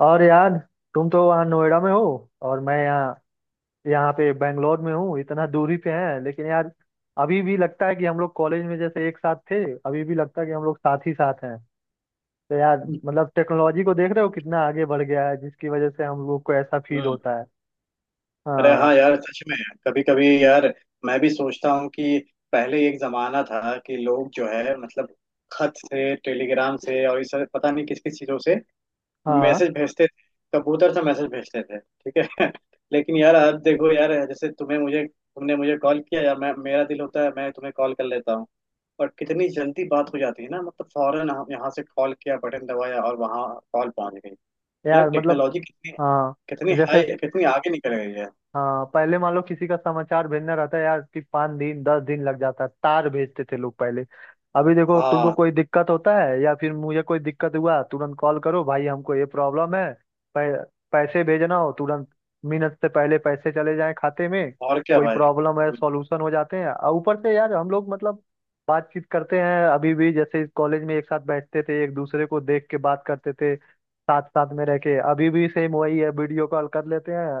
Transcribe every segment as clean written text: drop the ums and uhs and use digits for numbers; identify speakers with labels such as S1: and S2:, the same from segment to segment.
S1: और यार, तुम तो वहाँ नोएडा में हो और मैं यहाँ यहाँ पे बेंगलोर में हूँ। इतना दूरी पे है, लेकिन यार, अभी भी लगता है कि हम लोग कॉलेज में जैसे एक साथ थे। अभी भी लगता है कि हम लोग साथ ही साथ हैं। तो यार
S2: हम्म।
S1: मतलब टेक्नोलॉजी को देख रहे हो कितना आगे बढ़ गया है, जिसकी वजह से हम लोग को ऐसा फील होता है।
S2: अरे
S1: हाँ।
S2: हाँ यार, सच में। कभी कभी यार मैं भी सोचता हूँ कि पहले एक जमाना था कि लोग जो है, मतलब, खत से, टेलीग्राम से, और इस तरह पता नहीं किस किस चीजों से
S1: हाँ
S2: मैसेज भेजते थे। कबूतर से मैसेज भेजते थे, ठीक है। लेकिन यार अब देखो यार, जैसे तुम्हें मुझे तुमने मुझे कॉल किया या मैं मेरा दिल होता है मैं तुम्हें कॉल कर लेता हूँ। और कितनी जल्दी बात हो जाती है ना, मतलब फौरन हम यहाँ से कॉल किया, बटन दबाया और वहाँ कॉल पहुंच गई। यार
S1: यार, मतलब।
S2: टेक्नोलॉजी कितनी
S1: हाँ।
S2: कितनी
S1: जैसे।
S2: हाई, कितनी आगे निकल गई है।
S1: हाँ, पहले मान लो किसी का समाचार भेजना रहता है यार, कि 5 दिन 10 दिन लग जाता है, तार भेजते थे लोग पहले। अभी देखो तुमको
S2: हाँ,
S1: कोई दिक्कत होता है या फिर मुझे कोई दिक्कत हुआ, तुरंत कॉल करो भाई, हमको ये प्रॉब्लम है। पै, पैसे भेजना हो तुरंत, मिनट से पहले पैसे चले जाएं खाते में।
S2: और क्या
S1: कोई
S2: भाई।
S1: प्रॉब्लम है सॉल्यूशन हो जाते हैं, और ऊपर से यार हम लोग मतलब बातचीत करते हैं, अभी भी जैसे कॉलेज में एक साथ बैठते थे, एक दूसरे को देख के बात करते थे। साथ साथ में रह के अभी भी सेम वही है, वीडियो कॉल कर लेते हैं।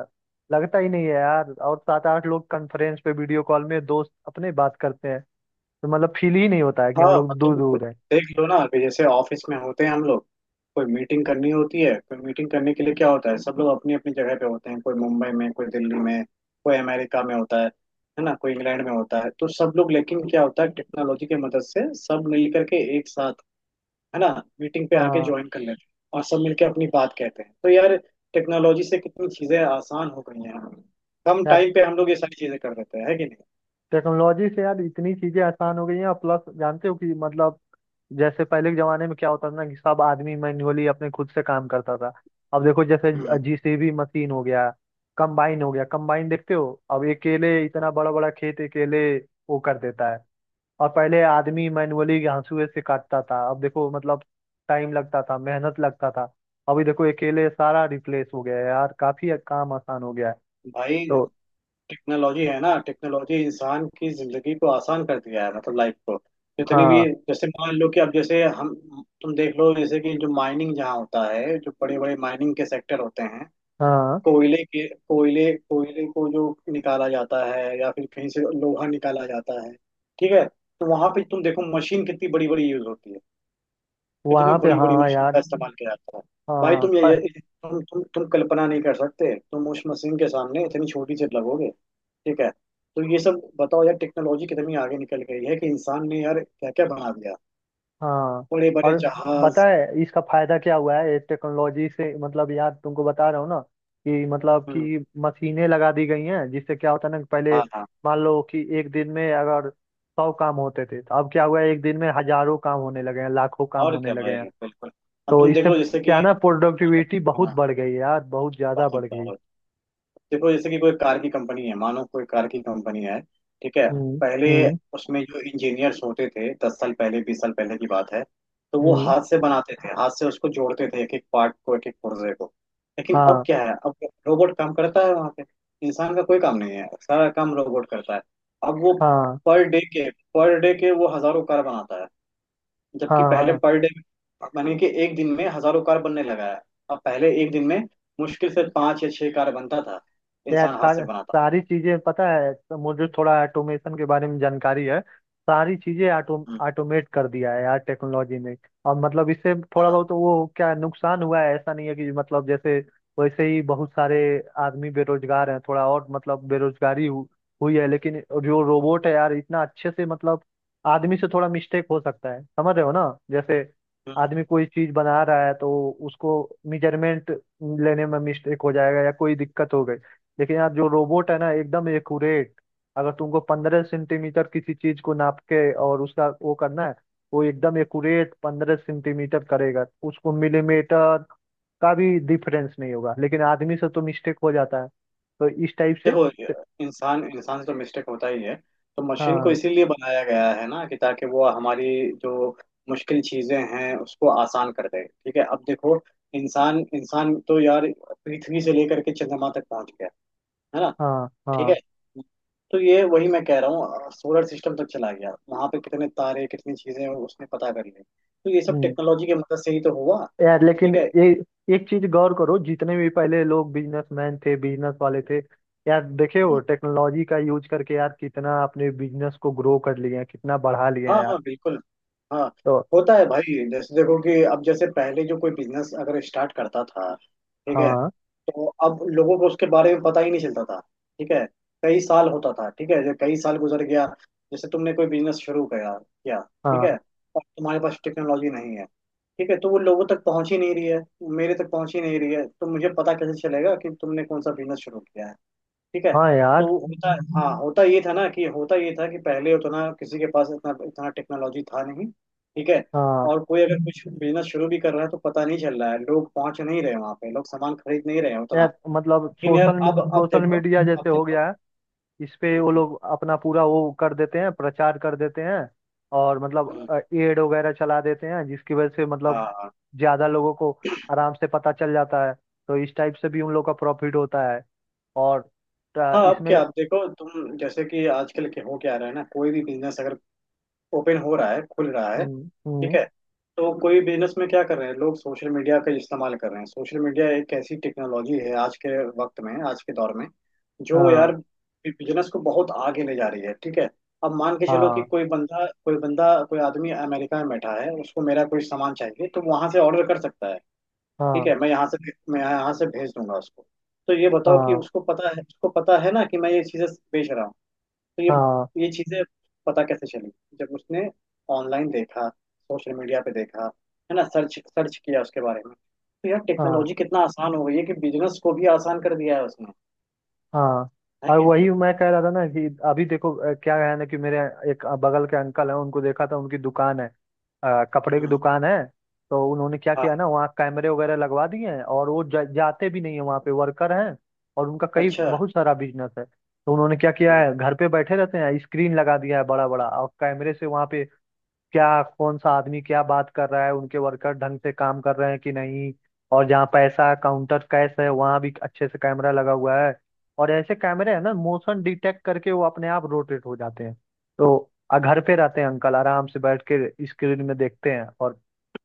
S1: लगता ही नहीं है यार, और सात आठ लोग कॉन्फ्रेंस पे वीडियो कॉल में दोस्त अपने बात करते हैं, तो मतलब फील ही नहीं होता है कि हम
S2: हाँ,
S1: लोग दूर
S2: मतलब
S1: दूर हैं।
S2: देख लो ना कि जैसे ऑफिस में होते हैं हम लोग, कोई मीटिंग करनी होती है। कोई मीटिंग करने के लिए क्या होता है, सब लोग अपनी अपनी जगह पे होते हैं, कोई मुंबई में, कोई दिल्ली में, कोई अमेरिका में होता है ना, कोई इंग्लैंड में होता है। तो सब लोग, लेकिन क्या होता है, टेक्नोलॉजी की मदद से सब मिल करके एक साथ, है ना, मीटिंग पे आके
S1: हाँ।
S2: ज्वाइन कर लेते हैं और सब मिलके अपनी बात कहते हैं। तो यार, टेक्नोलॉजी से कितनी चीजें आसान हो गई हैं, कम
S1: यार
S2: टाइम पे हम लोग ये सारी चीजें कर देते हैं, है कि नहीं।
S1: टेक्नोलॉजी से यार इतनी चीजें आसान हो गई हैं, प्लस जानते हो कि मतलब जैसे पहले के जमाने में क्या होता था ना, कि सब आदमी मैन्युअली अपने खुद से काम करता था। अब देखो, जैसे
S2: हम्म।
S1: जेसीबी मशीन हो गया, कंबाइन हो गया। कंबाइन देखते हो अब अकेले इतना बड़ा बड़ा खेत अकेले वो कर देता है। और पहले आदमी मैनुअली हंसुए से काटता था, अब देखो मतलब टाइम लगता था, मेहनत लगता था। अभी देखो अकेले सारा रिप्लेस हो गया है यार, काफी काम आसान हो गया है।
S2: भाई
S1: तो
S2: टेक्नोलॉजी है ना, टेक्नोलॉजी इंसान की जिंदगी को आसान कर दिया है, मतलब लाइफ को जितनी भी,
S1: हाँ।
S2: जैसे मान लो कि अब जैसे हम, तुम देख लो जैसे कि जो माइनिंग जहाँ होता है, जो बड़े बड़े माइनिंग के सेक्टर होते हैं,
S1: हाँ।
S2: कोयले के कोयले कोयले को जो निकाला जाता है या फिर कहीं से लोहा निकाला जाता है, ठीक है। तो वहां पे तुम देखो, मशीन कितनी बड़ी बड़ी यूज होती है, कितनी
S1: वहाँ पे,
S2: बड़ी बड़ी
S1: हाँ
S2: मशीन
S1: यार।
S2: का इस्तेमाल किया जाता है। भाई
S1: हाँ।
S2: तुम ये तुम कल्पना नहीं कर सकते, तुम उस मशीन के सामने इतनी छोटी सी लगोगे, ठीक है। तो ये सब बताओ यार, टेक्नोलॉजी कितनी आगे निकल गई है कि इंसान ने यार क्या क्या बना दिया,
S1: हाँ।
S2: बड़े बड़े
S1: और पता
S2: जहाज।
S1: है इसका फायदा क्या हुआ है ये टेक्नोलॉजी से? मतलब यार तुमको बता रहा हूँ ना कि मतलब
S2: हम्म,
S1: कि मशीनें लगा दी गई हैं, जिससे क्या होता है ना कि पहले
S2: हाँ हाँ,
S1: मान लो कि एक दिन में अगर 100 काम होते थे, तो अब क्या हुआ है एक दिन में हजारों काम होने लगे हैं, लाखों काम
S2: और
S1: होने
S2: क्या
S1: लगे
S2: भाई,
S1: हैं।
S2: बिल्कुल, अब
S1: तो
S2: तुम देख
S1: इससे
S2: लो जैसे
S1: क्या
S2: कि,
S1: ना प्रोडक्टिविटी बहुत
S2: हाँ,
S1: बढ़ गई है यार, बहुत ज्यादा
S2: बहुत
S1: बढ़ गई।
S2: बहुत, देखो जैसे कि कोई कार की कंपनी है, मानो कोई कार की कंपनी है, ठीक है।
S1: हम्म।
S2: पहले
S1: हम्म।
S2: उसमें जो इंजीनियर्स होते थे, 10 साल पहले, 20 साल पहले की बात है, तो वो
S1: हम्म।
S2: हाथ से बनाते थे, हाथ से उसको जोड़ते थे, एक एक पार्ट को, एक एक पुर्जे को। लेकिन अब
S1: हाँ।
S2: क्या है, अब रोबोट काम करता है वहां पे, इंसान का कोई काम नहीं है, सारा काम रोबोट करता है। अब वो
S1: हाँ।
S2: पर डे के वो हजारों कार बनाता है,
S1: हाँ।
S2: जबकि पहले
S1: हाँ।
S2: पर डे, मानिए कि एक दिन में हजारों कार बनने लगा है। अब पहले एक दिन में मुश्किल से पांच या छह कार बनता था,
S1: यार
S2: इंसान हाथ से
S1: सारे
S2: बनाता।
S1: सारी चीजें पता है, तो मुझे थोड़ा ऑटोमेशन के बारे में जानकारी है। सारी चीजें
S2: हम्म,
S1: ऑटोमेट कर दिया है यार टेक्नोलॉजी ने। और मतलब इससे थोड़ा बहुत
S2: हाँ,
S1: तो वो क्या, नुकसान हुआ है, ऐसा नहीं है कि मतलब जैसे वैसे ही बहुत सारे आदमी बेरोजगार हैं, थोड़ा और मतलब बेरोजगारी हुई है। लेकिन जो रोबोट है यार इतना अच्छे से मतलब आदमी से थोड़ा मिस्टेक हो सकता है, समझ रहे हो ना, जैसे
S2: हम्म।
S1: आदमी कोई चीज बना रहा है तो उसको मेजरमेंट लेने में मिस्टेक हो जाएगा या कोई दिक्कत हो गई। लेकिन यार जो रोबोट है ना एकदम एक्यूरेट। अगर तुमको 15 सेंटीमीटर किसी चीज को नाप के और उसका वो करना है, वो एकदम एक्यूरेट 15 सेंटीमीटर करेगा उसको, मिलीमीटर का भी डिफरेंस नहीं होगा। लेकिन आदमी से तो मिस्टेक हो जाता है। तो इस टाइप से।
S2: देखो, इंसान इंसान से तो मिस्टेक होता ही है, तो मशीन को
S1: हाँ।
S2: इसीलिए बनाया गया है ना कि ताकि वो हमारी जो मुश्किल चीजें हैं उसको आसान कर दे। ठीक है, अब देखो, इंसान इंसान तो यार पृथ्वी से लेकर के चंद्रमा तक पहुंच गया, है ना,
S1: हाँ।
S2: ठीक है।
S1: हाँ।
S2: तो ये वही मैं कह रहा हूँ, सोलर सिस्टम तक चला गया, वहां पे कितने तारे, कितनी चीजें उसने पता कर ली। तो ये सब
S1: हम्म।
S2: टेक्नोलॉजी की मदद से ही तो हुआ।
S1: यार लेकिन
S2: ठीक है।
S1: ये एक चीज गौर करो, जितने भी पहले लोग बिजनेसमैन थे बिजनेस वाले थे यार, देखे हो
S2: हम्म,
S1: टेक्नोलॉजी का यूज करके यार कितना अपने बिजनेस को ग्रो कर लिए हैं, कितना बढ़ा लिए
S2: हाँ
S1: हैं यार।
S2: हाँ, बिल्कुल, हाँ,
S1: तो
S2: होता है भाई। जैसे देखो कि अब जैसे पहले जो कोई बिजनेस अगर स्टार्ट करता था, ठीक है,
S1: हाँ।
S2: तो अब लोगों को उसके बारे में पता ही नहीं चलता था। ठीक है, कई साल होता था। ठीक है, जब कई साल गुजर गया, जैसे तुमने कोई बिजनेस शुरू किया किया, ठीक है,
S1: हाँ।
S2: और तुम्हारे पास टेक्नोलॉजी नहीं है, ठीक है, तो वो लोगों तक पहुंच ही नहीं रही है, मेरे तक पहुंच ही नहीं रही है, तो मुझे पता कैसे चलेगा कि तुमने कौन सा बिजनेस शुरू किया है, ठीक है।
S1: हाँ
S2: तो
S1: यार।
S2: होता हाँ, होता ये था कि पहले उतना किसी के पास इतना इतना टेक्नोलॉजी था नहीं। ठीक है,
S1: हाँ।
S2: और कोई अगर कुछ बिजनेस शुरू भी कर रहा है तो पता नहीं चल रहा है, लोग पहुंच नहीं रहे वहां पे, लोग सामान खरीद नहीं रहे हैं उतना।
S1: यार मतलब
S2: लेकिन यार
S1: सोशल
S2: अब
S1: सोशल
S2: देखो
S1: मीडिया जैसे
S2: अब
S1: हो
S2: देखो।
S1: गया है। इस पे वो
S2: हम्म,
S1: लोग अपना पूरा वो कर देते हैं, प्रचार कर देते हैं। और मतलब
S2: हम्म,
S1: एड वगैरह चला देते हैं, जिसकी वजह से मतलब
S2: हाँ
S1: ज्यादा लोगों को आराम से पता चल जाता है। तो इस टाइप से भी उन लोग का प्रॉफिट होता है। और
S2: हाँ। अब
S1: इसमें।
S2: क्या, अब देखो तुम, जैसे कि आजकल के हो, क्या रहा है ना, कोई भी बिजनेस अगर ओपन हो रहा है, खुल रहा है,
S1: हम्म।
S2: ठीक
S1: हम्म।
S2: है, तो कोई बिजनेस में क्या कर रहे हैं लोग, सोशल मीडिया का इस्तेमाल कर रहे हैं। सोशल मीडिया एक ऐसी टेक्नोलॉजी है आज के वक्त में, आज के दौर में, जो
S1: हाँ।
S2: यार बिजनेस को बहुत आगे ले जा रही है, ठीक है। अब मान के चलो कि
S1: हाँ।
S2: कोई आदमी अमेरिका में बैठा है, उसको मेरा कोई सामान चाहिए तो वहां से ऑर्डर कर सकता है, ठीक
S1: हाँ।
S2: है। मैं यहाँ से भेज दूंगा उसको। तो ये बताओ कि
S1: हाँ।
S2: उसको पता है ना कि मैं ये चीजें बेच रहा हूँ। तो ये
S1: हाँ।
S2: ये चीजें पता कैसे चली, जब उसने ऑनलाइन देखा, सोशल मीडिया पे देखा, है ना, सर्च सर्च किया उसके बारे में। तो यार
S1: हाँ।
S2: टेक्नोलॉजी कितना आसान हो गई है कि बिजनेस को भी आसान कर दिया है उसने,
S1: हाँ।
S2: है
S1: और
S2: कि नहीं।
S1: वही मैं कह रहा था ना, कि अभी देखो, क्या है ना कि मेरे एक बगल के अंकल हैं, उनको देखा था, उनकी दुकान है। कपड़े की
S2: हम्म,
S1: दुकान है। तो उन्होंने क्या
S2: हाँ,
S1: किया ना, वहाँ कैमरे वगैरह लगवा दिए हैं, और वो जाते भी नहीं है वहाँ पे, वर्कर हैं। और उनका कई
S2: अच्छा।
S1: बहुत सारा बिजनेस है। तो उन्होंने क्या किया
S2: हम्म,
S1: है, घर पे बैठे रहते हैं, स्क्रीन लगा दिया है बड़ा बड़ा, और कैमरे से वहाँ पे क्या, कौन सा आदमी क्या बात कर रहा है, उनके वर्कर ढंग से काम कर रहे हैं कि नहीं। और जहाँ पैसा काउंटर कैश है वहाँ भी अच्छे से कैमरा लगा हुआ है। और ऐसे कैमरे हैं ना, मोशन डिटेक्ट करके वो अपने आप रोटेट हो जाते हैं। तो घर पे रहते हैं अंकल आराम से बैठ के स्क्रीन में देखते हैं, और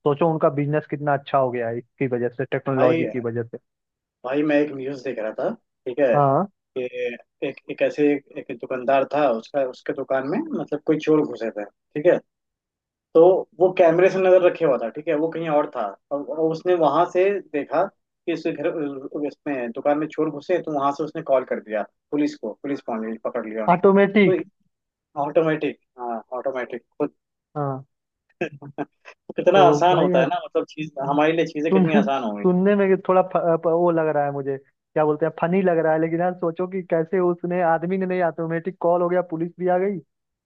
S1: सोचो उनका बिजनेस कितना अच्छा हो गया है इसकी वजह से,
S2: भाई
S1: टेक्नोलॉजी की वजह से।
S2: भाई मैं एक न्यूज देख रहा था, ठीक है,
S1: हाँ।
S2: कि एक एक ऐसे एक, एक दुकानदार था, उसका, उसके दुकान में मतलब कोई चोर घुसे थे, ठीक है। तो वो कैमरे से नजर रखे हुआ था, ठीक है, वो कहीं और था, और उसने वहां से देखा कि इसके घर, इसमें दुकान में चोर घुसे, तो वहां से उसने कॉल कर दिया पुलिस को, पुलिस पहुंच गई, पकड़ लिया उनको।
S1: ऑटोमेटिक।
S2: तो ऑटोमेटिक, हाँ, ऑटोमेटिक खुद।
S1: हाँ।
S2: कितना
S1: तो
S2: आसान
S1: भाई,
S2: होता है ना, मतलब चीज हमारे लिए, चीजें
S1: सुन
S2: कितनी आसान हो गई।
S1: सुनने में थोड़ा वो लग रहा है, मुझे क्या बोलते हैं, फनी लग रहा है, लेकिन यार सोचो कि कैसे, उसने आदमी ने नहीं, ऑटोमेटिक कॉल हो गया, पुलिस भी आ गई।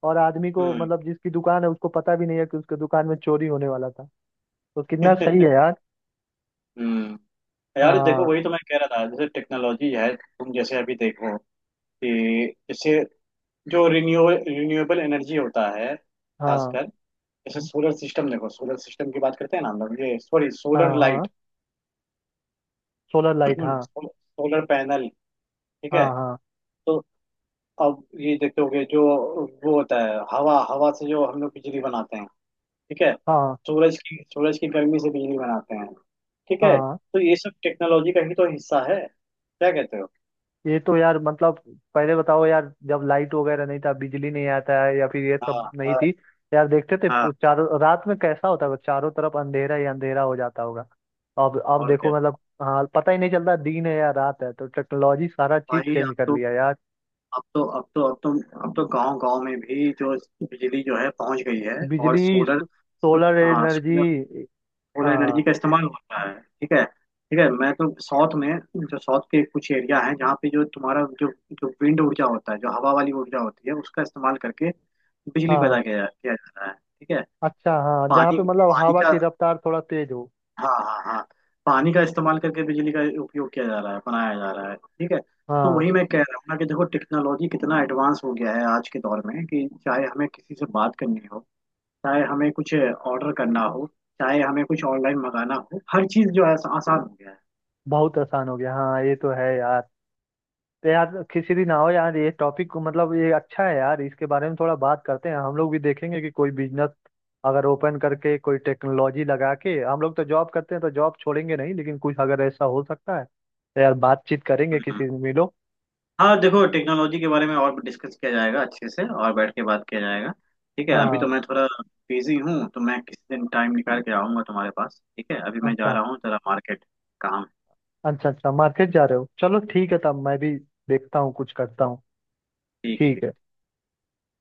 S1: और आदमी को
S2: हम्म।
S1: मतलब जिसकी दुकान है उसको पता भी नहीं है कि उसके दुकान में चोरी होने वाला था। तो कितना सही है यार।
S2: हम्म। यार देखो,
S1: हाँ।
S2: वही तो मैं कह रहा था, जैसे टेक्नोलॉजी है, तुम जैसे अभी देखो कि जैसे जो रिन्यूएबल एनर्जी होता है,
S1: हाँ।
S2: खासकर जैसे सोलर सिस्टम, देखो सोलर सिस्टम की बात करते हैं ना हम लोग, ये सॉरी,
S1: हाँ।
S2: सोलर
S1: हाँ।
S2: लाइट।
S1: सोलर लाइट, हाँ।
S2: सोलर पैनल, ठीक
S1: हाँ।
S2: है।
S1: हाँ।
S2: तो अब ये देखते होगे जो वो होता है, हवा, हवा से जो हम लोग बिजली बनाते हैं, ठीक है,
S1: हाँ।
S2: सूरज की, सूरज की गर्मी से बिजली बनाते हैं, ठीक है।
S1: हाँ।
S2: तो ये सब टेक्नोलॉजी का ही तो हिस्सा है, क्या कहते हो।
S1: ये तो यार मतलब पहले बताओ यार जब लाइट वगैरह नहीं था, बिजली नहीं आता है या फिर ये
S2: हाँ
S1: सब नहीं
S2: हाँ
S1: थी। यार देखते थे
S2: हाँ,
S1: चारों, रात में कैसा होता है, चारों तरफ अंधेरा ही अंधेरा हो जाता होगा। अब
S2: और क्या
S1: देखो मतलब, हाँ, पता ही नहीं चलता दिन है या रात है। तो टेक्नोलॉजी सारा चीज
S2: भाई। अब
S1: चेंज कर
S2: तो
S1: लिया यार।
S2: अब तो अब तो अब तो गांव गांव में भी जो बिजली जो है पहुंच गई है। और
S1: बिजली,
S2: सोलर,
S1: सोलर
S2: हाँ,
S1: एनर्जी।
S2: सोलर
S1: हाँ।
S2: एनर्जी का इस्तेमाल होता है, ठीक है, ठीक है। मैं तो साउथ में, जो साउथ के कुछ एरिया है जहाँ पे जो तुम्हारा जो जो विंड ऊर्जा होता है, जो हवा वाली ऊर्जा होती है, उसका इस्तेमाल करके बिजली
S1: हाँ।
S2: पैदा किया जा रहा है, ठीक है।
S1: अच्छा, हाँ, जहाँ पे
S2: पानी,
S1: मतलब
S2: पानी
S1: हवा
S2: का,
S1: की रफ्तार थोड़ा तेज हो।
S2: हाँ हाँ हाँ, पानी का इस्तेमाल करके बिजली का उपयोग किया जा रहा है, बनाया जा रहा है, ठीक है। तो
S1: हाँ,
S2: वही मैं कह रहा हूँ ना कि देखो टेक्नोलॉजी कितना एडवांस हो गया है आज के दौर में, कि चाहे हमें किसी से बात करनी हो, चाहे हमें कुछ ऑर्डर करना हो, चाहे हमें कुछ ऑनलाइन मंगाना हो, हर चीज जो है आसान हो गया है।
S1: बहुत आसान हो गया, हाँ, ये तो है यार। तो यार किसी दिन आओ यार, ये टॉपिक मतलब ये अच्छा है यार, इसके बारे में थोड़ा बात करते हैं हम लोग, भी देखेंगे कि कोई बिजनेस अगर ओपन करके कोई टेक्नोलॉजी लगा के, हम लोग तो जॉब करते हैं तो जॉब छोड़ेंगे नहीं, लेकिन कुछ अगर ऐसा हो सकता है तो यार बातचीत करेंगे किसी
S2: हम्म।
S1: दिन, मिलो।
S2: हाँ देखो, टेक्नोलॉजी के बारे में और डिस्कस किया जाएगा अच्छे से और बैठ के बात किया जाएगा, ठीक है। अभी
S1: हाँ।
S2: तो मैं थोड़ा बिजी हूँ, तो मैं किसी दिन टाइम निकाल के आऊंगा तुम्हारे पास, ठीक है। अभी मैं जा
S1: अच्छा।
S2: रहा हूँ जरा, मार्केट काम है।
S1: अच्छा। अच्छा, मार्केट जा रहे हो, चलो ठीक है, तब मैं भी देखता हूँ कुछ करता हूँ।
S2: ठीक
S1: ठीक है।
S2: ठीक।